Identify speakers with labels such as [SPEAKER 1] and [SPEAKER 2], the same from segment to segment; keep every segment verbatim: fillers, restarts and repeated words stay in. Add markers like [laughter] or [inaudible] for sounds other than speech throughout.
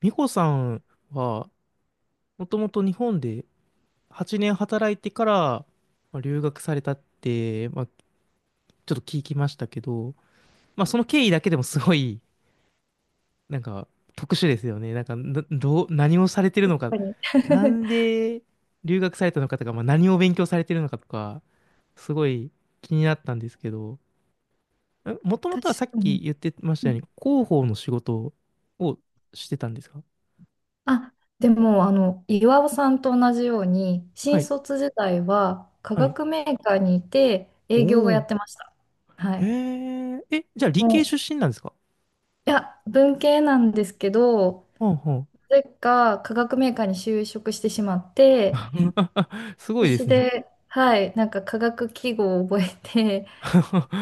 [SPEAKER 1] 美穂さんは、もともと日本ではちねん働いてから、まあ、留学されたって、まあ、ちょっと聞きましたけど、まあ、その経緯だけでもすごい、なんか、特殊ですよね。なんか、などう、何をされてる
[SPEAKER 2] 確
[SPEAKER 1] のか、
[SPEAKER 2] かに。
[SPEAKER 1] なん
[SPEAKER 2] [laughs]
[SPEAKER 1] で留学されたのかとか、まあ、何を勉強されてるのかとか、すごい気になったんですけど、もとも
[SPEAKER 2] 確
[SPEAKER 1] とはさっ
[SPEAKER 2] か
[SPEAKER 1] き
[SPEAKER 2] に。
[SPEAKER 1] 言ってまし
[SPEAKER 2] う
[SPEAKER 1] たよう
[SPEAKER 2] ん。
[SPEAKER 1] に、広報の仕事をしてたんですか？
[SPEAKER 2] あ、でも、あの、岩尾さんと同じように、
[SPEAKER 1] は
[SPEAKER 2] 新
[SPEAKER 1] い、
[SPEAKER 2] 卒時代は化
[SPEAKER 1] はい。
[SPEAKER 2] 学メーカーにいて
[SPEAKER 1] お
[SPEAKER 2] 営業をや
[SPEAKER 1] お。
[SPEAKER 2] ってました。は
[SPEAKER 1] へ
[SPEAKER 2] い。
[SPEAKER 1] え、え、じゃあ理
[SPEAKER 2] も
[SPEAKER 1] 系出身なんですか？
[SPEAKER 2] う、いや、文系なんですけど、
[SPEAKER 1] ほうほう。
[SPEAKER 2] なぜか化学メーカーに就職してしまって、
[SPEAKER 1] [laughs] すごい
[SPEAKER 2] 必
[SPEAKER 1] で
[SPEAKER 2] 死
[SPEAKER 1] すね。
[SPEAKER 2] で、はい、なんか化学記号を覚えて
[SPEAKER 1] [laughs]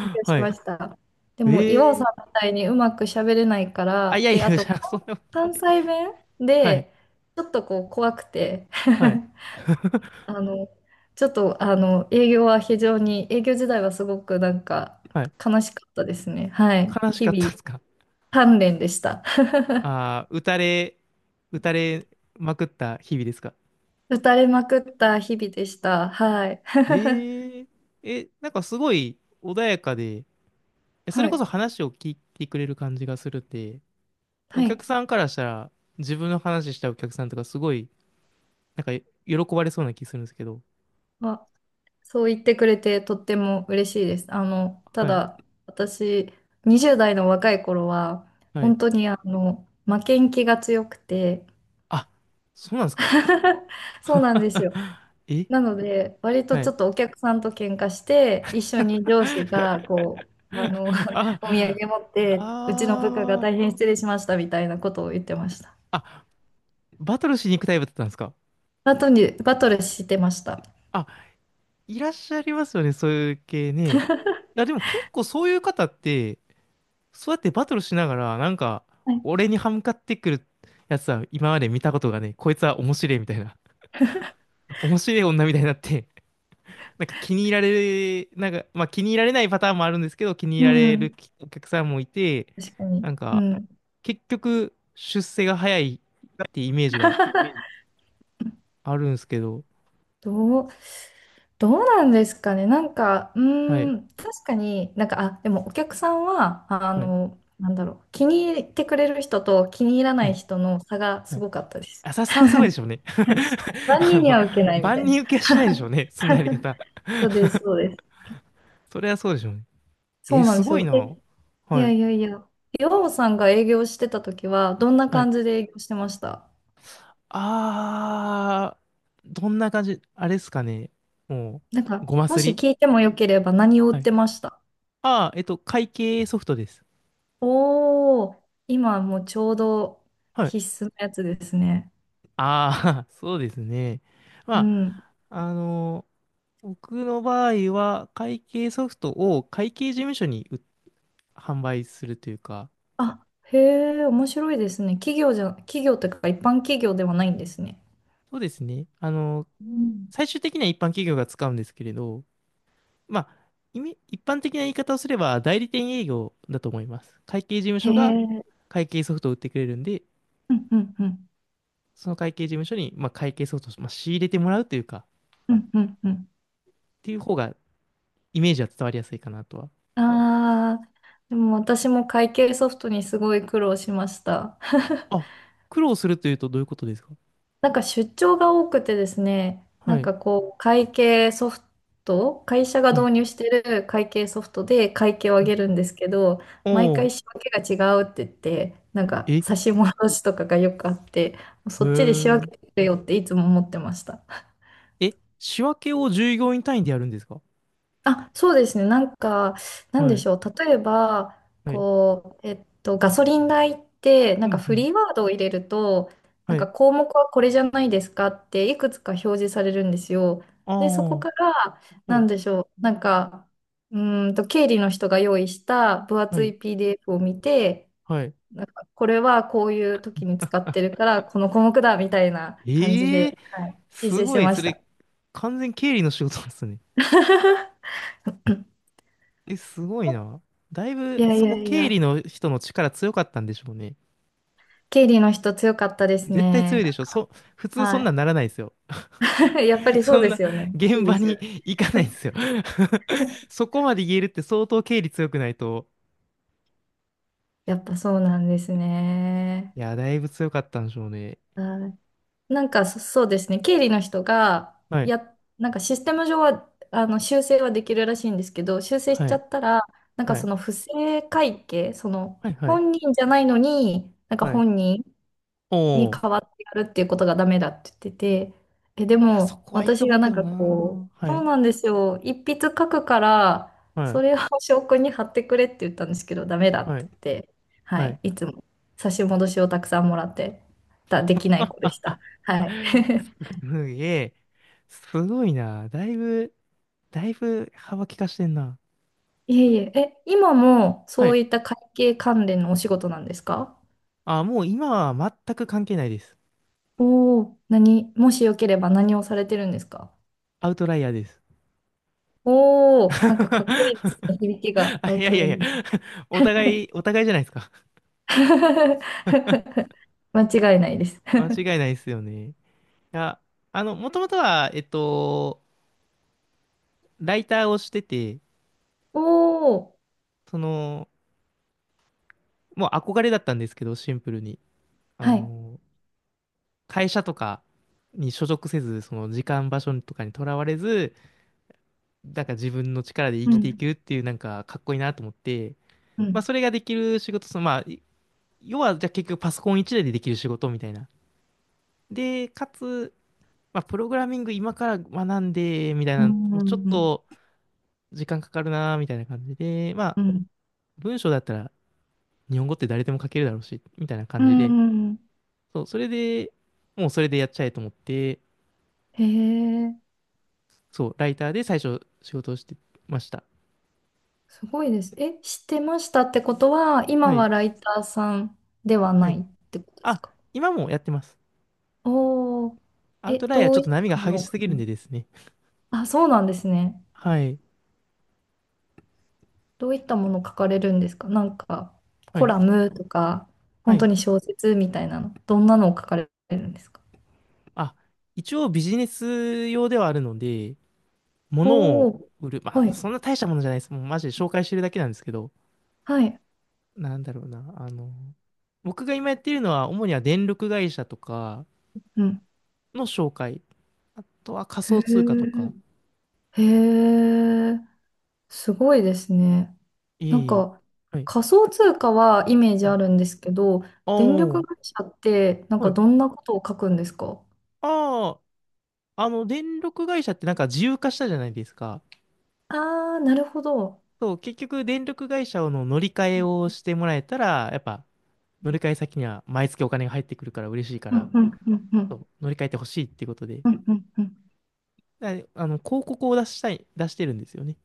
[SPEAKER 2] 勉強し
[SPEAKER 1] い。
[SPEAKER 2] ました。でも、岩尾
[SPEAKER 1] え
[SPEAKER 2] さん
[SPEAKER 1] え、
[SPEAKER 2] みたいにうまく喋れないか
[SPEAKER 1] あ、い
[SPEAKER 2] ら、
[SPEAKER 1] やい
[SPEAKER 2] で、あ
[SPEAKER 1] や、じ
[SPEAKER 2] と、
[SPEAKER 1] ゃあ、そ
[SPEAKER 2] 関
[SPEAKER 1] んな、
[SPEAKER 2] 関西弁
[SPEAKER 1] はい、
[SPEAKER 2] で、ちょっとこう、怖くて、
[SPEAKER 1] はい、[laughs]
[SPEAKER 2] [laughs] あの、ちょっと、あの、営業は非常に、営業時代はすごくなんか、
[SPEAKER 1] はい。
[SPEAKER 2] 悲しかったですね。はい。
[SPEAKER 1] 悲し
[SPEAKER 2] 日
[SPEAKER 1] かったですか？
[SPEAKER 2] 々、鍛錬でした。[laughs]
[SPEAKER 1] ああー、打たれ、打たれまくった日々ですか？
[SPEAKER 2] 打たれまくった日々でした。はい。[laughs]
[SPEAKER 1] え、ええ、なんかすごい穏やかで、え、それ
[SPEAKER 2] は
[SPEAKER 1] こそ
[SPEAKER 2] い。
[SPEAKER 1] 話を聞いてくれる感じがするって、お
[SPEAKER 2] は
[SPEAKER 1] 客
[SPEAKER 2] い。
[SPEAKER 1] さんからしたら、自分の話したお客さんとかすごい、なんか喜ばれそうな気するんですけど。
[SPEAKER 2] あそう言ってくれてとっても嬉しいです。あの、た
[SPEAKER 1] はい。
[SPEAKER 2] だ、私、にじゅうだい代の若い頃は、
[SPEAKER 1] はい、
[SPEAKER 2] 本当にあの、負けん気が強くて、
[SPEAKER 1] あ、そうなんですか？
[SPEAKER 2] [laughs] そうなんですよ。
[SPEAKER 1] [laughs] え、
[SPEAKER 2] なので、割と
[SPEAKER 1] は
[SPEAKER 2] ちょ
[SPEAKER 1] い。
[SPEAKER 2] っとお客さんと喧嘩して、一緒に上司が、こう、あの、
[SPEAKER 1] [laughs] あ、
[SPEAKER 2] [laughs] お土産持って、うちの部下が
[SPEAKER 1] あー、
[SPEAKER 2] 大変失礼しましたみたいなことを言ってました。
[SPEAKER 1] あ、バトルしに行くタイプだったんですか？
[SPEAKER 2] バトに、バトルしてました。
[SPEAKER 1] あ、いらっしゃいますよね、そういう系ね。いや、でも結構そういう方って、そうやってバトルしながら、なんか、
[SPEAKER 2] はい。
[SPEAKER 1] 俺に歯向かってくるやつは今まで見たことがね、こいつは面白いみたいな、[laughs] 面白い女みたいになって、なんか気に入られ、なんか、まあ気に入られないパターンもあるんですけど、気に入
[SPEAKER 2] う
[SPEAKER 1] られる
[SPEAKER 2] ん。
[SPEAKER 1] お客さんもいて、
[SPEAKER 2] 確か
[SPEAKER 1] な
[SPEAKER 2] に。
[SPEAKER 1] ん
[SPEAKER 2] う
[SPEAKER 1] か、
[SPEAKER 2] ん。
[SPEAKER 1] 結局、出世が早いってイメージが
[SPEAKER 2] [laughs]
[SPEAKER 1] あるんですけど、
[SPEAKER 2] どう、どうなんですかね。なんか、う
[SPEAKER 1] は
[SPEAKER 2] ー
[SPEAKER 1] い、
[SPEAKER 2] ん、確かになんか、あ、でもお客さんは、あ
[SPEAKER 1] はい、
[SPEAKER 2] の、なんだろう、気に入ってくれる人と気に入らな
[SPEAKER 1] は
[SPEAKER 2] い
[SPEAKER 1] い、
[SPEAKER 2] 人の差が
[SPEAKER 1] は
[SPEAKER 2] す
[SPEAKER 1] い。
[SPEAKER 2] ごかったです。
[SPEAKER 1] 浅さはすごいでしょうね。
[SPEAKER 2] [laughs] はい。
[SPEAKER 1] [laughs]
[SPEAKER 2] 万
[SPEAKER 1] あ
[SPEAKER 2] 人に
[SPEAKER 1] の、
[SPEAKER 2] は受けないみた
[SPEAKER 1] 万
[SPEAKER 2] いな。
[SPEAKER 1] 人受けはしないでしょうね、そんなやり
[SPEAKER 2] [laughs]
[SPEAKER 1] 方。
[SPEAKER 2] そうです、そうで
[SPEAKER 1] [laughs]
[SPEAKER 2] す。
[SPEAKER 1] それはそうでしょうね。
[SPEAKER 2] そ
[SPEAKER 1] え、
[SPEAKER 2] うなん
[SPEAKER 1] す
[SPEAKER 2] です
[SPEAKER 1] ごい
[SPEAKER 2] よ。え、
[SPEAKER 1] な。
[SPEAKER 2] い
[SPEAKER 1] は
[SPEAKER 2] や
[SPEAKER 1] い、
[SPEAKER 2] いやいや、岩尾さんが営業してた時は、どんな
[SPEAKER 1] はい。
[SPEAKER 2] 感じで営業してました？
[SPEAKER 1] あー、どんな感じ、あれっすかね。も
[SPEAKER 2] なん
[SPEAKER 1] う、
[SPEAKER 2] か、
[SPEAKER 1] ごま
[SPEAKER 2] も
[SPEAKER 1] す
[SPEAKER 2] し
[SPEAKER 1] り。
[SPEAKER 2] 聞いてもよければ何を売
[SPEAKER 1] は
[SPEAKER 2] っ
[SPEAKER 1] い。
[SPEAKER 2] てました？
[SPEAKER 1] ああ、えっと、会計ソフトです。
[SPEAKER 2] おー、今もうちょうど
[SPEAKER 1] はい。
[SPEAKER 2] 必須のやつですね。
[SPEAKER 1] ああ、[laughs] そうですね。
[SPEAKER 2] う
[SPEAKER 1] ま
[SPEAKER 2] ん。
[SPEAKER 1] あ、あの、僕の場合は、会計ソフトを会計事務所に売販売するというか、
[SPEAKER 2] あ、へえ、面白いですね。企業じゃ、企業というか一般企業ではないんですね。
[SPEAKER 1] そうですね。あの、
[SPEAKER 2] うん。
[SPEAKER 1] 最終的には一般企業が使うんですけれど、まあ、意味一般的な言い方をすれば、代理店営業だと思います。会計事務
[SPEAKER 2] へ
[SPEAKER 1] 所が
[SPEAKER 2] え、
[SPEAKER 1] 会計ソフトを売ってくれるんで、
[SPEAKER 2] うんうんうん、
[SPEAKER 1] その会計事務所に、まあ、会計ソフトを、まあ、仕入れてもらうというか、
[SPEAKER 2] うんうんうん。
[SPEAKER 1] っていう方が、イメージは伝わりやすいかなとは。
[SPEAKER 2] ああ、でも私も会計ソフトにすごい苦労しました。[laughs]
[SPEAKER 1] あ、苦労するというとどういうことですか？
[SPEAKER 2] なんか出張が多くてですね、な
[SPEAKER 1] は
[SPEAKER 2] ん
[SPEAKER 1] い、
[SPEAKER 2] かこう、会計ソフト、会社が
[SPEAKER 1] はい、
[SPEAKER 2] 導入してる会計ソフトで会計を上
[SPEAKER 1] はい。
[SPEAKER 2] げるんですけど、毎
[SPEAKER 1] お
[SPEAKER 2] 回
[SPEAKER 1] ー、
[SPEAKER 2] 仕分けが違うって言って、なん
[SPEAKER 1] え、
[SPEAKER 2] か
[SPEAKER 1] へ
[SPEAKER 2] 差し戻しとかがよくあって、そっちで仕分けて
[SPEAKER 1] ー。
[SPEAKER 2] くれよっていつも思ってました。
[SPEAKER 1] え、仕分けを従業員単位でやるんですか？
[SPEAKER 2] あ、そうですね。なんか、なん
[SPEAKER 1] は
[SPEAKER 2] で
[SPEAKER 1] い、
[SPEAKER 2] しょう。例えば、
[SPEAKER 1] はい、
[SPEAKER 2] こう、えっと、ガソリン代って、な
[SPEAKER 1] う
[SPEAKER 2] んか
[SPEAKER 1] ん、う
[SPEAKER 2] フ
[SPEAKER 1] ん、
[SPEAKER 2] リーワードを入れると、な
[SPEAKER 1] は
[SPEAKER 2] んか
[SPEAKER 1] い。
[SPEAKER 2] 項目はこれじゃないですかって、いくつか表示されるんですよ。
[SPEAKER 1] あ
[SPEAKER 2] で、そ
[SPEAKER 1] あ、
[SPEAKER 2] こから、
[SPEAKER 1] は
[SPEAKER 2] な
[SPEAKER 1] い、
[SPEAKER 2] んでしょう。なんか、うーんと、経理の人が用意した分
[SPEAKER 1] は
[SPEAKER 2] 厚
[SPEAKER 1] い、
[SPEAKER 2] い ピーディーエフ を見て、
[SPEAKER 1] はい。
[SPEAKER 2] なんか、これはこういう時に使ってるから、この項目だ、みたいな感じ
[SPEAKER 1] ええ、
[SPEAKER 2] で、はい、申
[SPEAKER 1] す
[SPEAKER 2] 請し
[SPEAKER 1] ごい、
[SPEAKER 2] ま
[SPEAKER 1] そ
[SPEAKER 2] し
[SPEAKER 1] れ、
[SPEAKER 2] た。
[SPEAKER 1] 完全経理の仕事ですね。
[SPEAKER 2] [laughs]
[SPEAKER 1] え、すごいな。だい
[SPEAKER 2] い
[SPEAKER 1] ぶ、
[SPEAKER 2] やい
[SPEAKER 1] そ
[SPEAKER 2] や
[SPEAKER 1] こ
[SPEAKER 2] い
[SPEAKER 1] 経
[SPEAKER 2] や。
[SPEAKER 1] 理の人の力強かったんでしょうね。
[SPEAKER 2] 経理の人強かったです
[SPEAKER 1] 絶対強
[SPEAKER 2] ね。
[SPEAKER 1] いで
[SPEAKER 2] な
[SPEAKER 1] し
[SPEAKER 2] ん
[SPEAKER 1] ょ。
[SPEAKER 2] か、
[SPEAKER 1] そ、普通そ
[SPEAKER 2] は
[SPEAKER 1] んな
[SPEAKER 2] い。
[SPEAKER 1] んならないですよ。
[SPEAKER 2] [laughs] やっぱ
[SPEAKER 1] [laughs]
[SPEAKER 2] りそう
[SPEAKER 1] そん
[SPEAKER 2] で
[SPEAKER 1] な
[SPEAKER 2] すよね。おかし
[SPEAKER 1] 現
[SPEAKER 2] いで
[SPEAKER 1] 場
[SPEAKER 2] す
[SPEAKER 1] に
[SPEAKER 2] よね。
[SPEAKER 1] [laughs] 行かないですよ。
[SPEAKER 2] [laughs]
[SPEAKER 1] [laughs] そこまで言えるって相当経理強くないと。
[SPEAKER 2] やっぱそうなんですね。
[SPEAKER 1] いや、だいぶ強かったんでしょうね。
[SPEAKER 2] はい。なんかそ、そうですね。経理の人が、
[SPEAKER 1] はい、
[SPEAKER 2] や、なんかシステム上は、あの、修正はできるらしいんですけど、修正し
[SPEAKER 1] は
[SPEAKER 2] ちゃ
[SPEAKER 1] い、
[SPEAKER 2] ったら、なんか
[SPEAKER 1] は
[SPEAKER 2] そ
[SPEAKER 1] い、
[SPEAKER 2] の不正会計、その、
[SPEAKER 1] はい、はい、
[SPEAKER 2] 本人じゃないのに、なんか
[SPEAKER 1] はい。
[SPEAKER 2] 本人に
[SPEAKER 1] おー。い
[SPEAKER 2] 変わってやるっていうことがダメだって言ってて、え、で
[SPEAKER 1] や、そ
[SPEAKER 2] も
[SPEAKER 1] こはいいと
[SPEAKER 2] 私
[SPEAKER 1] 思
[SPEAKER 2] が
[SPEAKER 1] う
[SPEAKER 2] な
[SPEAKER 1] け
[SPEAKER 2] ん
[SPEAKER 1] ど
[SPEAKER 2] か
[SPEAKER 1] な
[SPEAKER 2] こう、
[SPEAKER 1] ー。は
[SPEAKER 2] そう
[SPEAKER 1] い、
[SPEAKER 2] なんですよ、一筆書くから、
[SPEAKER 1] は
[SPEAKER 2] そ
[SPEAKER 1] い、
[SPEAKER 2] れを [laughs] 証拠に貼ってくれって言ったんですけど、ダメだっ
[SPEAKER 1] は
[SPEAKER 2] て
[SPEAKER 1] い、
[SPEAKER 2] 言って、は
[SPEAKER 1] は
[SPEAKER 2] い、
[SPEAKER 1] い。
[SPEAKER 2] いつも差し戻しをたくさんもらってた、できない子で
[SPEAKER 1] あ、
[SPEAKER 2] した。はい。[laughs]
[SPEAKER 1] すげえ。すごいな。だいぶ、だいぶ幅利かしてんな。
[SPEAKER 2] いえいえ、え、今も
[SPEAKER 1] は
[SPEAKER 2] そう
[SPEAKER 1] い。
[SPEAKER 2] いった会計関連のお仕事なんですか？
[SPEAKER 1] あ、もう今は全く関係ないです。
[SPEAKER 2] おおー、何、もしよければ何をされてるんですか？
[SPEAKER 1] アウトライヤーです。
[SPEAKER 2] おおー、なんかかっこ
[SPEAKER 1] [laughs]
[SPEAKER 2] いいですね、響きが
[SPEAKER 1] あ、
[SPEAKER 2] ア
[SPEAKER 1] い
[SPEAKER 2] ウ
[SPEAKER 1] や
[SPEAKER 2] ト
[SPEAKER 1] いや
[SPEAKER 2] ラ
[SPEAKER 1] い
[SPEAKER 2] イ
[SPEAKER 1] や、
[SPEAKER 2] ン。
[SPEAKER 1] [laughs] お互い、お互いじゃないですか。[laughs]
[SPEAKER 2] [laughs] 間違いないです。
[SPEAKER 1] 間違いないですよね。いや、あの、もともとは、えっと、ライターをしてて、
[SPEAKER 2] おお。
[SPEAKER 1] その、もう憧れだったんですけど、シンプルに。あ
[SPEAKER 2] はい。
[SPEAKER 1] の、会社とかに所属せず、その時間場所とかにとらわれず、なんか自分の力で生
[SPEAKER 2] う
[SPEAKER 1] きてい
[SPEAKER 2] ん。
[SPEAKER 1] くっていう、なんかかっこいいなと思って、
[SPEAKER 2] う
[SPEAKER 1] まあ、
[SPEAKER 2] ん。
[SPEAKER 1] それができる仕事、その、まあ、い要は、じゃあ結局パソコン一台でできる仕事みたいな。で、かつ、まあ、プログラミング今から学んで、みたい
[SPEAKER 2] う
[SPEAKER 1] な、もうちょっ
[SPEAKER 2] ん。
[SPEAKER 1] と時間かかるな、みたいな感じで、まあ、
[SPEAKER 2] うん。
[SPEAKER 1] 文章だったら日本語って誰でも書けるだろうし、みたいな
[SPEAKER 2] う
[SPEAKER 1] 感じで、
[SPEAKER 2] ん。
[SPEAKER 1] そう、それで、もうそれでやっちゃえと思って、
[SPEAKER 2] へえ、
[SPEAKER 1] そう、ライターで最初仕事をしてました。
[SPEAKER 2] すごいです。え、知ってましたってことは、今
[SPEAKER 1] はい。
[SPEAKER 2] はライターさんでは
[SPEAKER 1] は
[SPEAKER 2] な
[SPEAKER 1] い。
[SPEAKER 2] いってことです
[SPEAKER 1] あ、
[SPEAKER 2] か？
[SPEAKER 1] 今もやってます。
[SPEAKER 2] おおー、
[SPEAKER 1] アウ
[SPEAKER 2] え、
[SPEAKER 1] トライアー
[SPEAKER 2] ど
[SPEAKER 1] ち
[SPEAKER 2] う
[SPEAKER 1] ょっ
[SPEAKER 2] いっ
[SPEAKER 1] と波が
[SPEAKER 2] たも
[SPEAKER 1] 激
[SPEAKER 2] のを
[SPEAKER 1] し
[SPEAKER 2] 書
[SPEAKER 1] すぎるん
[SPEAKER 2] く？
[SPEAKER 1] でですね。
[SPEAKER 2] あ、そうなんですね。
[SPEAKER 1] はい。
[SPEAKER 2] どういったものを書かれるんですか？なんか、
[SPEAKER 1] は
[SPEAKER 2] コ
[SPEAKER 1] い。
[SPEAKER 2] ラムとか、
[SPEAKER 1] は
[SPEAKER 2] 本当
[SPEAKER 1] い。
[SPEAKER 2] に小説みたいなの、どんなのを書かれるんですか？
[SPEAKER 1] あ、一応ビジネス用ではあるので、物
[SPEAKER 2] お
[SPEAKER 1] を
[SPEAKER 2] お
[SPEAKER 1] 売る。
[SPEAKER 2] ー、
[SPEAKER 1] ま
[SPEAKER 2] は
[SPEAKER 1] あ、
[SPEAKER 2] い、
[SPEAKER 1] そんな大したものじゃないです。もうマジで紹介してるだけなんですけど、
[SPEAKER 2] はい。
[SPEAKER 1] なんだろうな、あの、僕が今やっているのは、主には電力会社とか
[SPEAKER 2] うん。
[SPEAKER 1] の紹介、あとは仮
[SPEAKER 2] へ
[SPEAKER 1] 想通貨とか、
[SPEAKER 2] え、へえ、すごいですね。なん
[SPEAKER 1] いい、
[SPEAKER 2] か、
[SPEAKER 1] はい、
[SPEAKER 2] 仮想通貨はイメージ
[SPEAKER 1] はい。
[SPEAKER 2] あるんですけど、
[SPEAKER 1] あ
[SPEAKER 2] 電力
[SPEAKER 1] あ、
[SPEAKER 2] 会社って、なん
[SPEAKER 1] は
[SPEAKER 2] か
[SPEAKER 1] い。
[SPEAKER 2] どんなことを書くんですか？
[SPEAKER 1] ああ、あの、電力会社ってなんか自由化したじゃないですか。
[SPEAKER 2] ああー、なるほど。
[SPEAKER 1] そう、結局、電力会社の乗り換えをしてもらえたら、やっぱ、乗り換え先には毎月お金が入ってくるから嬉しいか
[SPEAKER 2] う
[SPEAKER 1] ら、
[SPEAKER 2] んうんうんう
[SPEAKER 1] そ
[SPEAKER 2] ん。
[SPEAKER 1] う乗り換えてほしいっていうことで、
[SPEAKER 2] うんうんうん。
[SPEAKER 1] だあの、広告を出したい、出してるんですよね。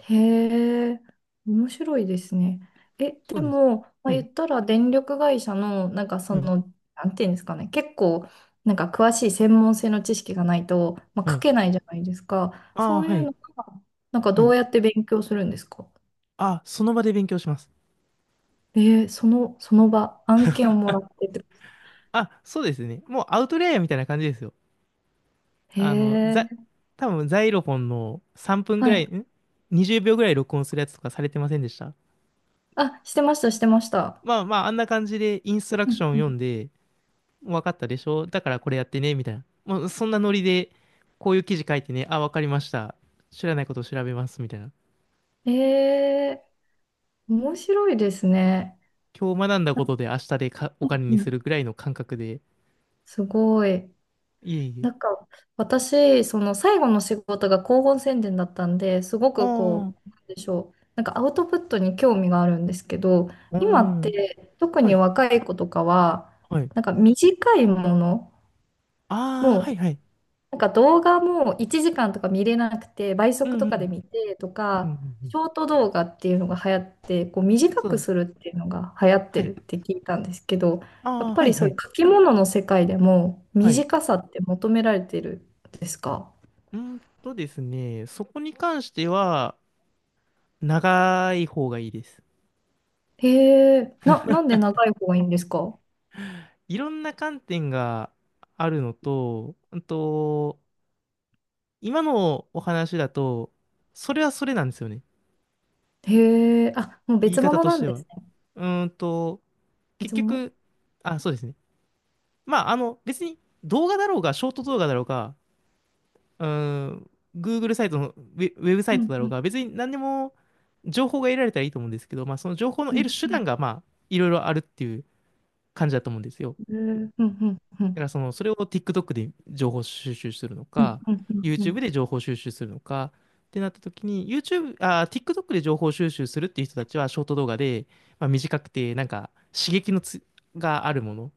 [SPEAKER 2] へえ、面白いですね。え、
[SPEAKER 1] そ
[SPEAKER 2] で
[SPEAKER 1] うです。
[SPEAKER 2] も、まあ、
[SPEAKER 1] はい、
[SPEAKER 2] 言ったら電力会社の、なんかそ
[SPEAKER 1] はい、
[SPEAKER 2] の、なんていうんですかね、結構、なんか詳しい専門性の知識がないと、まあ、
[SPEAKER 1] は
[SPEAKER 2] 書
[SPEAKER 1] い。
[SPEAKER 2] けないじゃないですか。
[SPEAKER 1] あ
[SPEAKER 2] そ
[SPEAKER 1] あ、
[SPEAKER 2] うい
[SPEAKER 1] は
[SPEAKER 2] う
[SPEAKER 1] い。
[SPEAKER 2] のが、なんか
[SPEAKER 1] は
[SPEAKER 2] ど
[SPEAKER 1] い。
[SPEAKER 2] うやって勉強するんですか？
[SPEAKER 1] あ、その場で勉強します。
[SPEAKER 2] えー、その、その場、案件をもらってってことですか？
[SPEAKER 1] あ、そうですね。もうアウトレイヤーみたいな感じですよ。
[SPEAKER 2] へ
[SPEAKER 1] あの、
[SPEAKER 2] え、
[SPEAKER 1] ざ、多分ザイロフォンのさんぷんぐ
[SPEAKER 2] は
[SPEAKER 1] らい、
[SPEAKER 2] い。
[SPEAKER 1] ん ?にじゅう 秒ぐらい録音するやつとかされてませんでした？
[SPEAKER 2] あ、してました、してました。
[SPEAKER 1] まあまあ、あんな感じでインストラ
[SPEAKER 2] う
[SPEAKER 1] クショ
[SPEAKER 2] ん
[SPEAKER 1] ン
[SPEAKER 2] う
[SPEAKER 1] 読
[SPEAKER 2] ん。
[SPEAKER 1] んで、わかったでしょだからこれやってね、みたいな。もうそんなノリで、こういう記事書いてね、あ、わかりました。知らないことを調べます、みたいな。
[SPEAKER 2] えー面白いですね。
[SPEAKER 1] 今日学んだことで明日でかお
[SPEAKER 2] う
[SPEAKER 1] 金に
[SPEAKER 2] んう
[SPEAKER 1] す
[SPEAKER 2] ん。
[SPEAKER 1] るぐらいの感覚で。
[SPEAKER 2] すごい。
[SPEAKER 1] いえい
[SPEAKER 2] なん
[SPEAKER 1] え。
[SPEAKER 2] か私、その最後の仕事が広報宣伝だったんで、すごくこ
[SPEAKER 1] あ
[SPEAKER 2] う、なんでしょう、なんかアウトプットに興味があるんですけど、
[SPEAKER 1] あ、う
[SPEAKER 2] 今っ
[SPEAKER 1] ん。
[SPEAKER 2] て特
[SPEAKER 1] は
[SPEAKER 2] に
[SPEAKER 1] い、
[SPEAKER 2] 若い子とかは、
[SPEAKER 1] はい。
[SPEAKER 2] なんか短いもの、
[SPEAKER 1] ああ、は
[SPEAKER 2] も
[SPEAKER 1] いはい。
[SPEAKER 2] なんか動画もいちじかんとか見れなくて、倍
[SPEAKER 1] う
[SPEAKER 2] 速
[SPEAKER 1] ん
[SPEAKER 2] と
[SPEAKER 1] う
[SPEAKER 2] かで
[SPEAKER 1] ん。
[SPEAKER 2] 見てと
[SPEAKER 1] うんう
[SPEAKER 2] か、
[SPEAKER 1] んう
[SPEAKER 2] シ
[SPEAKER 1] ん。
[SPEAKER 2] ョート動画っていうのが流行って、こう短
[SPEAKER 1] そう
[SPEAKER 2] く
[SPEAKER 1] で
[SPEAKER 2] す
[SPEAKER 1] す。
[SPEAKER 2] るっていうのが流行っ
[SPEAKER 1] は
[SPEAKER 2] て
[SPEAKER 1] い。
[SPEAKER 2] るって聞いたんですけど、や
[SPEAKER 1] あ
[SPEAKER 2] っ
[SPEAKER 1] あ、
[SPEAKER 2] ぱ
[SPEAKER 1] はい
[SPEAKER 2] りそ
[SPEAKER 1] は
[SPEAKER 2] ういう
[SPEAKER 1] い。
[SPEAKER 2] 書き物の世界でも
[SPEAKER 1] はい。
[SPEAKER 2] 短さって求められてるんですか？
[SPEAKER 1] うーんとですね、そこに関しては、長い方がいいです。
[SPEAKER 2] へえ、な、なんで長い方がいいんですか？
[SPEAKER 1] いろんな観点があるのと、うんと、今のお話だと、それはそれなんですよね。
[SPEAKER 2] へえ、あ、もう
[SPEAKER 1] 言い
[SPEAKER 2] 別
[SPEAKER 1] 方
[SPEAKER 2] 物
[SPEAKER 1] と
[SPEAKER 2] な
[SPEAKER 1] し
[SPEAKER 2] ん
[SPEAKER 1] て
[SPEAKER 2] で
[SPEAKER 1] は。
[SPEAKER 2] すね。
[SPEAKER 1] うーんと、結
[SPEAKER 2] 別物。
[SPEAKER 1] 局、あ、そうですね。まあ、あの、別に動画だろうが、ショート動画だろうが、うーん、Google サイトのウェ、ウェブサ
[SPEAKER 2] う
[SPEAKER 1] イト
[SPEAKER 2] ん
[SPEAKER 1] だ
[SPEAKER 2] う
[SPEAKER 1] ろう
[SPEAKER 2] ん
[SPEAKER 1] が、別に何でも、情報が得られたらいいと思うんですけど、まあ、その情報の
[SPEAKER 2] う
[SPEAKER 1] 得
[SPEAKER 2] ん
[SPEAKER 1] る手
[SPEAKER 2] うん
[SPEAKER 1] 段が、まあ、いろいろあるっていう感じだと思うんですよ。
[SPEAKER 2] うんうんうんう
[SPEAKER 1] だから、
[SPEAKER 2] ん
[SPEAKER 1] その、それを TikTok で情報収集するの
[SPEAKER 2] うん
[SPEAKER 1] か、
[SPEAKER 2] うんうんうん
[SPEAKER 1] YouTube で情報収集するのか、ってなった時に、YouTube、あー、TikTok で情報収集するっていう人たちは、ショート動画で、まあ、短くて、なんか、刺激のつ、があるもの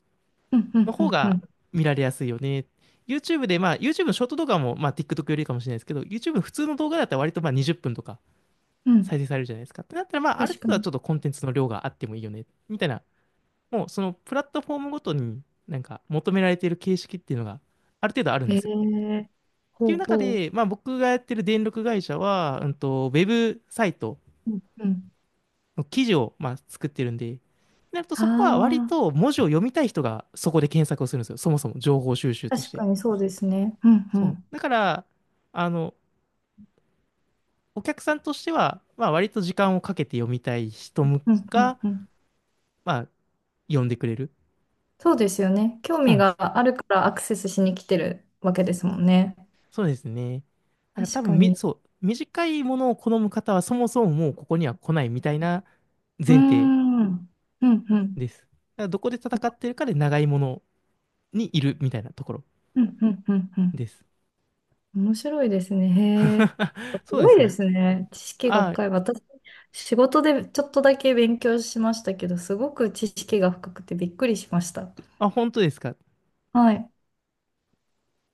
[SPEAKER 2] うんう
[SPEAKER 1] の
[SPEAKER 2] んう
[SPEAKER 1] 方
[SPEAKER 2] んう
[SPEAKER 1] が
[SPEAKER 2] ん
[SPEAKER 1] 見られやすいよね。YouTube で、まあ、YouTube のショート動画も、まあ、TikTok よりかもしれないですけど、YouTube の普通の動画だったら割と、まあ、にじゅっぷんとか、
[SPEAKER 2] う
[SPEAKER 1] 再
[SPEAKER 2] ん。
[SPEAKER 1] 生されるじゃないですか。ってなったら、まあ、ある
[SPEAKER 2] 確
[SPEAKER 1] 程
[SPEAKER 2] か
[SPEAKER 1] 度は
[SPEAKER 2] に。
[SPEAKER 1] ちょっとコンテンツの量があってもいいよね、みたいな、もうそのプラットフォームごとになんか求められている形式っていうのがある程度あるん
[SPEAKER 2] へ
[SPEAKER 1] ですよ。
[SPEAKER 2] え、
[SPEAKER 1] ってい
[SPEAKER 2] ほ
[SPEAKER 1] う
[SPEAKER 2] う
[SPEAKER 1] 中
[SPEAKER 2] ほ
[SPEAKER 1] で、まあ、僕がやってる電力会社は、うんと、ウェブサイト
[SPEAKER 2] う。うんうん。
[SPEAKER 1] の記事をまあ作ってるんで、なると
[SPEAKER 2] あ
[SPEAKER 1] そこは割
[SPEAKER 2] あ、
[SPEAKER 1] と文字を読みたい人がそこで検索をするんですよ。そもそも情報収集とし
[SPEAKER 2] 確
[SPEAKER 1] て。
[SPEAKER 2] かにそうですね。うんう
[SPEAKER 1] そう。
[SPEAKER 2] ん。
[SPEAKER 1] だから、あの、お客さんとしては、まあ割と時間をかけて読みたい人
[SPEAKER 2] うんう
[SPEAKER 1] が、
[SPEAKER 2] んうん。
[SPEAKER 1] まあ読んでくれる。
[SPEAKER 2] そうですよね。興
[SPEAKER 1] そう
[SPEAKER 2] 味
[SPEAKER 1] なんです。
[SPEAKER 2] があるからアクセスしに来てるわけですもんね。
[SPEAKER 1] そうですね。だから多
[SPEAKER 2] 確
[SPEAKER 1] 分
[SPEAKER 2] か
[SPEAKER 1] み、
[SPEAKER 2] に。
[SPEAKER 1] そう、短いものを好む方はそもそももうここには来ないみたいな
[SPEAKER 2] うー
[SPEAKER 1] 前提
[SPEAKER 2] ん。うんうん
[SPEAKER 1] です。だからどこで戦ってるかで長いものにいるみたいなところ
[SPEAKER 2] うんうんうんう
[SPEAKER 1] で
[SPEAKER 2] ん。
[SPEAKER 1] す。
[SPEAKER 2] 面白いですね。へえ。
[SPEAKER 1] [laughs]
[SPEAKER 2] す
[SPEAKER 1] そうで
[SPEAKER 2] ご
[SPEAKER 1] す
[SPEAKER 2] いで
[SPEAKER 1] ね。
[SPEAKER 2] すね。知識が
[SPEAKER 1] あ
[SPEAKER 2] 深い。私、仕事でちょっとだけ勉強しましたけど、すごく知識が深くてびっくりしました。
[SPEAKER 1] あ、あ、本当ですか？
[SPEAKER 2] はい。